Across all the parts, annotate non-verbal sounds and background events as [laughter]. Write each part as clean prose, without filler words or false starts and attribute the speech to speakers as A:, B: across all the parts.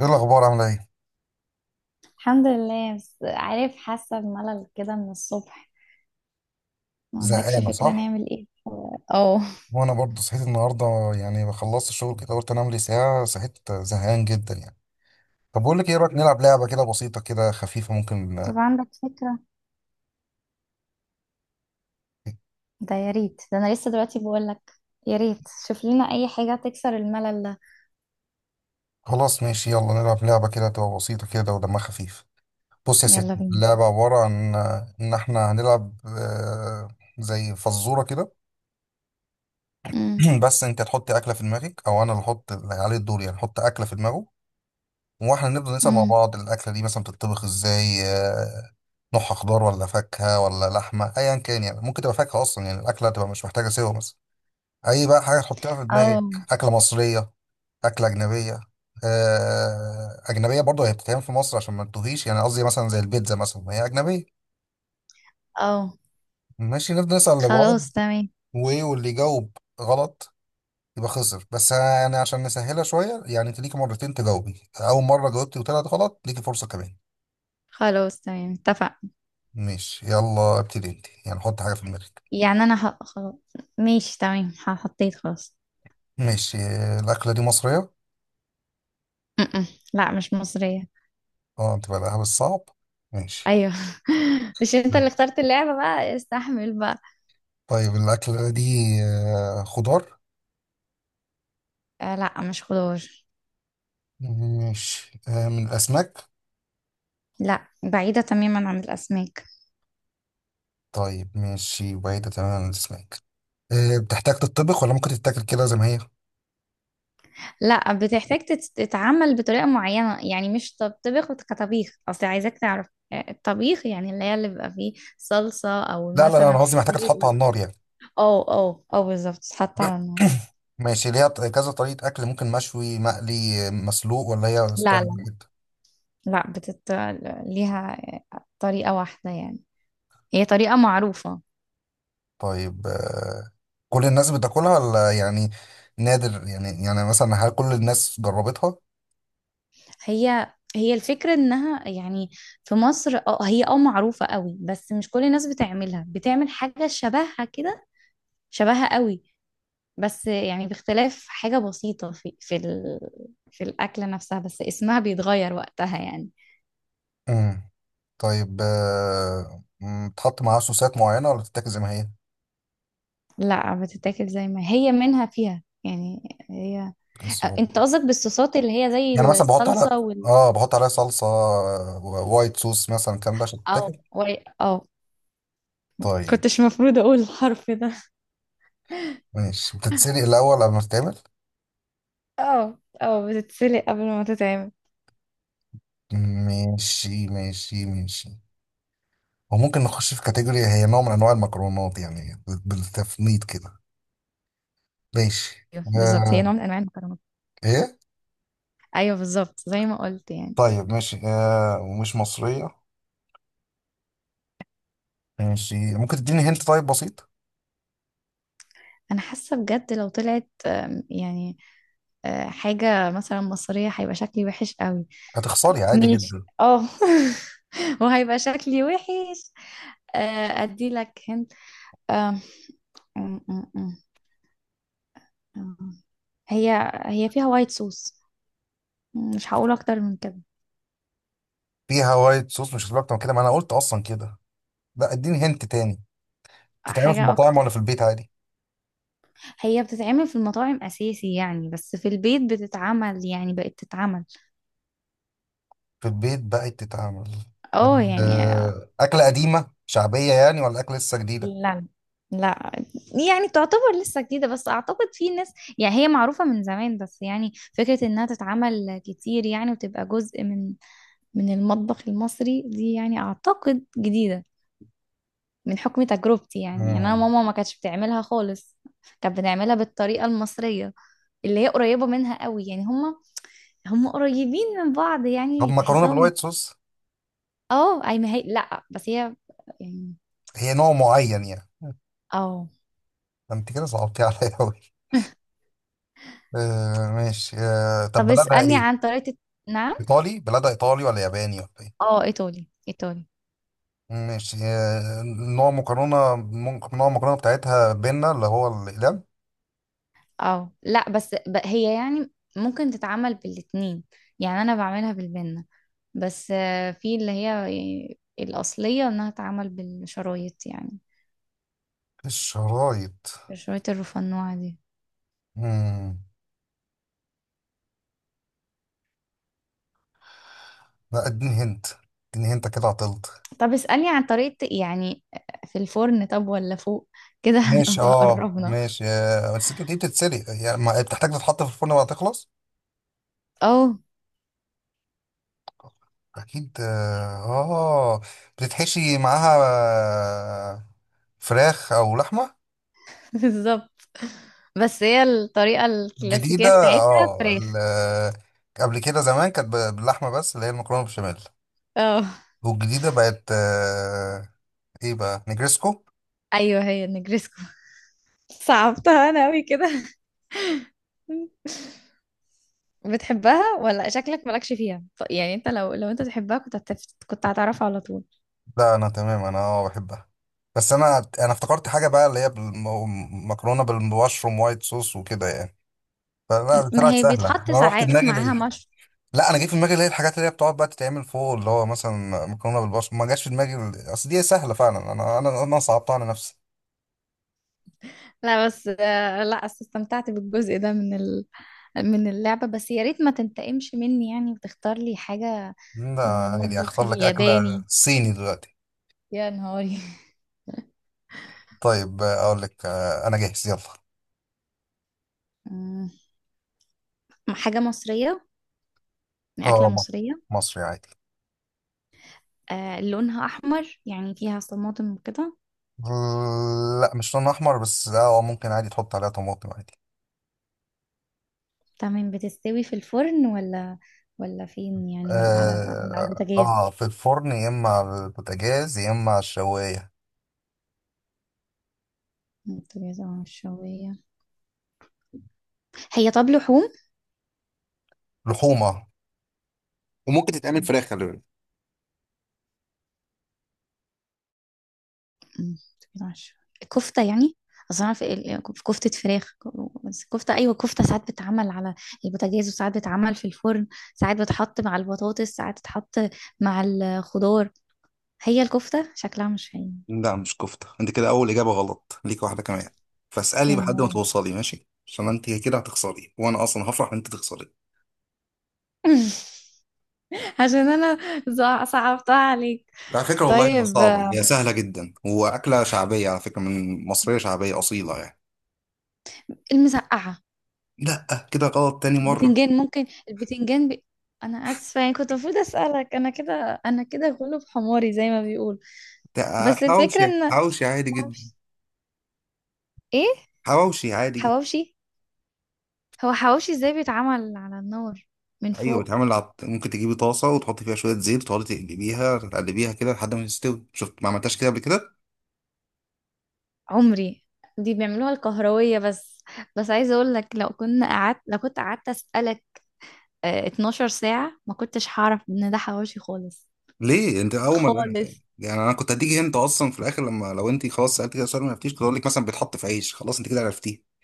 A: ايه الاخبار، عامله ايه؟
B: الحمد لله، بس عارف حاسة بملل كده من الصبح. ما عندكش
A: زهقانه،
B: فكرة
A: صح؟
B: نعمل ايه؟ اه.
A: وانا برضه صحيت النهارده. يعني خلصت الشغل كده قلت انام لي ساعه، صحيت زهقان جدا يعني. طب بقول لك ايه، إيه رايك نلعب لعبه كده بسيطه كده خفيفه، ممكن؟
B: طب عندك فكرة؟ ده يا ريت، ده انا لسه دلوقتي بقولك. يا ريت شوف لنا اي حاجة تكسر الملل ده.
A: خلاص، ماشي، يلا نلعب لعبه كده تبقى بسيطه كده ودمها خفيف. بص يا
B: يلا
A: ستي،
B: بينا.
A: اللعبه عباره عن ان احنا هنلعب، زي فزوره كده.
B: امم.
A: [clears throat] بس انت تحط اكله في دماغك او انا اللي احط، اللي عليه الدور يعني احط اكله في دماغه. واحنا نفضل نسأل مع
B: امم.
A: بعض، الأكلة دي مثلا بتطبخ ازاي؟ نوعها خضار ولا فاكهة ولا لحمة؟ أيا كان يعني، ممكن تبقى فاكهة أصلا، يعني الأكلة تبقى مش محتاجة سوا، مثلا أي بقى حاجة تحطها في دماغك.
B: اه.
A: أكلة مصرية، أكلة أجنبية. أجنبية برضه هي بتتعمل في مصر عشان ما تتوهيش، يعني قصدي مثلا زي البيتزا مثلا ما هي أجنبية.
B: اه.
A: ماشي، نفضل نسأل لبعض.
B: خلاص تمام.
A: وإيه، واللي يجاوب غلط يبقى خسر. بس يعني عشان نسهلها شوية، يعني أنت ليكي مرتين تجاوبي، أول مرة جاوبتي وطلعت غلط ليكي فرصة كمان.
B: خلاص تمام، اتفق.
A: ماشي، يلا ابتدي انت، يعني حط حاجة في دماغك.
B: يعني انا خلاص. ماشي تمام، حطيت خلاص.
A: ماشي. الأكلة دي مصرية؟
B: م-م. لا مش مصرية.
A: اه، تبقى لها بالصعب. ماشي.
B: ايوه. [laughs] مش انت اللي
A: تمام.
B: اخترت اللعبة؟ بقى استحمل بقى.
A: طيب الأكلة دي خضار؟
B: آه لا، مش خضار.
A: ماشي. من الأسماك؟
B: لا، بعيدة تماما عن الأسماك.
A: طيب ماشي، بعيدة تماما عن الأسماك. بتحتاج تتطبخ ولا ممكن تتاكل كده زي ما هي؟
B: لا، بتحتاج تتعمل بطريقة معينة، يعني مش تطبخ كطبيخ. أصل عايزاك تعرف الطبيخ يعني اللي هي اللي بيبقى فيه صلصة أو
A: لا لا لا، أنا
B: مثلا
A: قصدي
B: زي
A: محتاجة تتحط على النار يعني.
B: اه اه اه بالظبط، تتحط على
A: [coughs]
B: النار.
A: ماشي، ليها كذا طريقة أكل، ممكن مشوي، مقلي، مسلوق، ولا هي
B: لا
A: ستايل
B: لا
A: واحد؟
B: لا ليها طريقة واحدة يعني، هي طريقة معروفة.
A: طيب. كل الناس بتاكلها ولا يعني نادر؟ يعني مثلا هل كل الناس جربتها؟
B: هي هي الفكرة انها يعني في مصر، اه هي اه معروفة قوي، بس مش كل الناس بتعملها، بتعمل حاجة شبهها كده، شبهها قوي، بس يعني باختلاف حاجة بسيطة في الأكلة نفسها، بس اسمها بيتغير وقتها يعني.
A: امم. طيب، بتحط معاها صوصات معينة ولا بتتاكل زي ما هي؟
B: لا، بتتاكل زي ما هي، منها فيها يعني هي.
A: إيه الصعوبة؟
B: انت قصدك بالصوصات اللي هي
A: يعني
B: زي
A: مثلا بحط على
B: الصلصة وال
A: اه بحط عليها صلصة، وايت صوص مثلا، الكلام ده عشان
B: اه
A: تتاكل.
B: وال- اه
A: طيب.
B: كنتش مفروض اقول الحرف ده.
A: ماشي، بتتسلق الأول قبل ما تتعمل؟
B: اه اه، بتتسلق قبل ما تتعمل.
A: ماشي ماشي ماشي. وممكن نخش في كاتيجوري، هي نوع من أنواع المكرونات يعني بالتفنيد كده. ماشي.
B: ايوه بالظبط، هي
A: آه.
B: نوع من انواع المكرونات.
A: ايه؟
B: ايوه بالظبط زي ما قلت يعني.
A: طيب ماشي، ومش مصرية. ماشي، ممكن تديني هنت، طيب بسيط.
B: انا حاسه بجد لو طلعت يعني حاجه مثلا مصريه هيبقى شكلي وحش قوي.
A: هتخسري عادي
B: ماشي
A: جدا.
B: اه. [laughs] وهيبقى شكلي وحش. ادي لك هنت. آه، أم- أم- أم- أم. هي هي فيها وايت صوص، مش هقول اكتر من كده.
A: فيها وايت صوص، مش هتبقى اكتر من كده، ما انا قلت اصلا كده. لا، اديني هنت تاني. تتعمل في
B: حاجة
A: المطاعم
B: اكتر.
A: ولا في البيت عادي؟
B: هي بتتعمل في المطاعم اساسي يعني، بس في البيت بتتعمل، يعني بقت تتعمل.
A: في البيت بقت تتعمل.
B: اه يعني.
A: أكلة قديمة شعبية يعني، ولا أكلة لسه جديدة؟
B: لا. لا، يعني تعتبر لسه جديدة، بس اعتقد في ناس يعني هي معروفة من زمان، بس يعني فكرة انها تتعمل كتير يعني وتبقى جزء من المطبخ المصري دي يعني، أعتقد جديدة. من حكم تجربتي يعني، يعني أنا
A: مم.
B: ماما ما كانتش بتعملها خالص، كانت بتعملها بالطريقة المصرية اللي هي قريبة منها قوي يعني. هما هما قريبين من بعض
A: طب
B: يعني،
A: مكرونة
B: تحسهم
A: بالوايت صوص؟
B: اه. أي ما هي لأ، بس هي يعني
A: هي نوع معين يعني؟
B: اه.
A: ده انت كده صعبتي [laughs] عليا أوي. ماشي. طب
B: طب
A: بلدها
B: اسألني
A: ايه؟
B: عن طريقة نعم.
A: ايطالي؟ بلدها ايطالي ولا ياباني ولا إيه؟
B: اه، إيطالي إيطالي.
A: ماشي. نوع مكرونة، ممكن نوع المكرونة بتاعتها بينا اللي هو الإقلام؟
B: اه لأ بس هي يعني ممكن تتعمل بالاتنين، يعني أنا بعملها بالبنة، بس في اللي هي يعني الأصلية إنها تتعمل بالشرايط يعني،
A: الشرايط.
B: الشرايط الرفنوعة دي.
A: مم. لا، اديني هنت. اديني هنت، كده عطلت.
B: طب اسألني عن طريقة يعني، في الفرن طب ولا فوق كده. [laughs]
A: ماشي
B: هنبقى قربنا.
A: ماشي، بس انت دي بتتسلق يعني، بتحتاج تتحط في الفرن بعد تخلص.
B: اه.
A: اكيد، اه، آه. بتتحشي معاها آه، فراخ او لحمة.
B: [laughs] بالظبط، بس هي الطريقة
A: جديدة.
B: الكلاسيكية بتاعتها
A: اه
B: فراخ.
A: ال- قبل كده زمان كانت باللحمة، بس اللي هي المكرونة بالبشاميل.
B: اه،
A: والجديدة بقت، ايه بقى، نجرسكو.
B: ايوه هي النجريسكو. صعبتها انا قوي كده. [laughs] بتحبها ولا شكلك مالكش فيها يعني انت لو انت تحبها كنت كنت هتعرفها على طول.
A: لا، انا تمام، انا بحبها. بس انا افتكرت حاجه بقى اللي هي مكرونه بالمشروم وايت صوص وكده يعني، فلا
B: ما
A: طلعت
B: هي
A: سهله،
B: بيتحط
A: انا رحت
B: ساعات
A: دماغي
B: معاها.
A: لا، انا جه في دماغي اللي هي الحاجات اللي هي بتقعد بقى تتعمل فوق، اللي هو مثلا مكرونه بالبشاميل، ما جاش في دماغي اصل دي سهله فعلا، انا صعبتها على نفسي.
B: لا بس لا أصل استمتعت بالجزء ده من من اللعبة، بس يا ريت ما تنتقمش مني يعني وتختار لي حاجة من
A: لا يعني
B: المطبخ
A: اختار لك اكله
B: الياباني.
A: صيني دلوقتي.
B: يا نهاري.
A: طيب، اقول لك، انا جاهز يلا.
B: مم. حاجة مصرية، أكلة مصرية.
A: مصري عادي.
B: آه لونها أحمر يعني، فيها طماطم وكده.
A: لا مش لون احمر، بس ممكن عادي تحط عليها طماطم عادي.
B: تمام، بتستوي في الفرن ولا فين يعني، ولا على البوتاجاز؟
A: في الفرن، يا اما على البوتاجاز، يا اما على الشوايه.
B: البوتاجاز اه الشوية. هي طب لحوم؟
A: لحومه. وممكن تتعمل فراخ، خلي بالك.
B: أمم، تمام، عشرة. كفتة يعني. اصل أنا في في كفتة فراخ، بس كفتة، ايوه كفتة ساعات بتتعمل على البوتاجاز وساعات بتتعمل في الفرن، ساعات بتحط مع البطاطس ساعات تتحط مع الخضار. هي الكفتة شكلها مش هي.
A: لا مش كفته، انت كده اول اجابه غلط، ليك واحده كمان. فاسالي
B: يا
A: لحد ما
B: نهاري.
A: توصلي ماشي، عشان انت كده هتخسري وانا اصلا هفرح ان انت تخسري.
B: [laughs] عشان انا صعبتها عليك.
A: على فكره والله ما
B: طيب
A: صعبه، هي سهله جدا واكله شعبيه، على فكره من مصريه شعبيه اصيله يعني.
B: المسقعة.
A: لا كده غلط تاني مره.
B: بتنجان، ممكن البتنجان انا اسفه يعني، كنت المفروض اسالك انا كده، انا كده غلب حماري زي ما بيقول.
A: ده
B: بس الفكره
A: حواوشي،
B: ان
A: حواوشي عادي جدا.
B: معرفش. ايه
A: حواوشي عادي جدا.
B: حواوشي؟ هو حواوشي ازاي، بيتعمل على النار من
A: ايوه،
B: فوق؟
A: بيتعمل ممكن تجيبي طاسه وتحطي فيها شويه زيت، وتقعدي تقلبيها تقلبيها كده لحد ما تستوي. شفت؟ ما عملتهاش كده قبل كده.
B: عمري. دي بيعملوها الكهروية بس. بس عايزة اقول لك، لو كنت قعدت اسألك 12 ساعة ما كنتش هعرف ان ده حواوشي خالص.
A: ليه؟ انت اول ما
B: خالص.
A: [laughs] يعني انا كنت هديكي انت اصلا في الاخر، لما لو انت خلاص سالت كده سؤال ما عرفتيش، كنت اقول لك مثلا بيتحط في عيش، خلاص انت كده عرفتيه.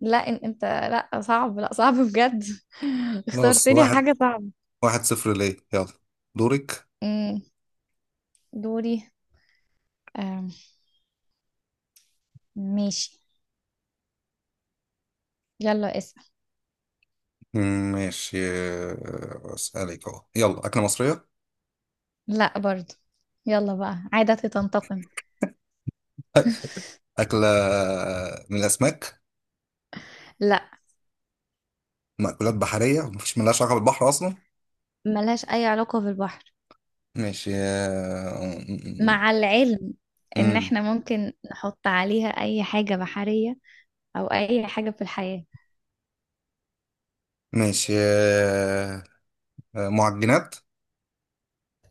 B: لا انت لا، صعب لا، صعب بجد. [laughs] اخترت
A: خلاص،
B: لي
A: واحد.
B: حاجة صعبة.
A: 1-0، ليه، يلا. دورك.
B: أمم، دوري. آم، ماشي، يلا اسأل.
A: ماشي، اسالك اهو، يلا اكله مصريه.
B: لا برضو. يلا بقى عادتي تنتقم.
A: [laughs] اكله من الاسماك؟
B: لا،
A: مأكولات بحريه؟ ملهاش علاقه بالبحر اصلا.
B: ملهاش اي علاقة بالبحر.
A: ماشي مم،
B: مع العلم
A: مم،
B: ان
A: مم.
B: احنا ممكن نحط عليها اي حاجة بحرية او اي حاجة في الحياة.
A: ماشي، آه، معجنات.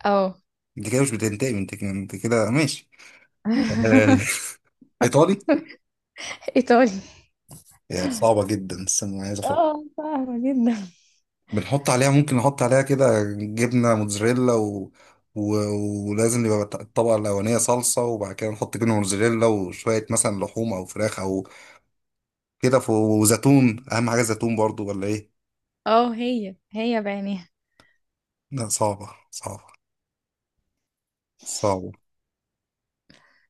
B: اه.
A: دي كده مش بتنتهي من تكنيك، انت كده ماشي. آه،
B: [laughs]
A: ايطالي.
B: ايطالي.
A: يعني صعبة جدا، استنى عايز افكر.
B: اه فاهمة جدا.
A: بنحط عليها ممكن نحط عليها كده جبنة موتزاريلا و... ولازم يبقى الطبقة الأولانية صلصة، وبعد كده نحط جبنة موتزاريلا وشوية مثلا لحوم أو فراخ أو كده وزيتون، أهم حاجة زيتون برضو، ولا إيه؟
B: اه، هي هي بعينيها.
A: لا صعبة صعبة، صعبة.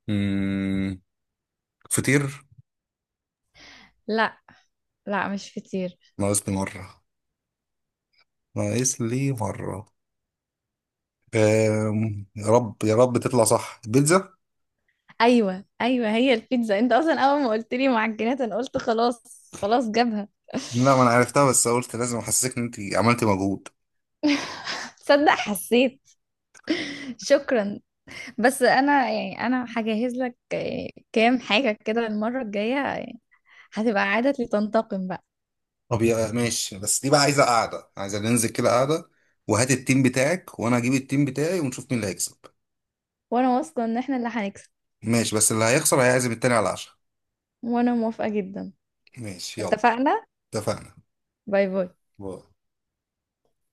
A: مم... فطير.
B: لا لا مش فطير.
A: ناقص لي مرة، ناقص لي مرة. يا رب يا رب تطلع صح، البيتزا.
B: ايوه ايوه هي البيتزا. انت اصلا اول ما قلت لي معجنات انا قلت خلاص خلاص جابها. [laughs]
A: لا ما انا عرفتها، بس قلت لازم احسسك ان انت عملتي مجهود.
B: تصدق حسيت؟ شكرا. بس انا يعني انا هجهز لك كام حاجه كده المره الجايه، هتبقى عاده لتنتقم بقى.
A: طب يا ماشي، بس دي بقى عايزه قاعده، عايزه ننزل كده قاعده، وهات التيم بتاعك وانا هجيب التيم بتاعي ونشوف مين اللي هيكسب.
B: وانا واثقة ان احنا اللي هنكسب.
A: ماشي، بس اللي هيخسر هيعزم التاني على العشاء.
B: وانا موافقة جدا.
A: ماشي يلا.
B: اتفقنا.
A: اتفقنا.
B: باي باي.
A: باي.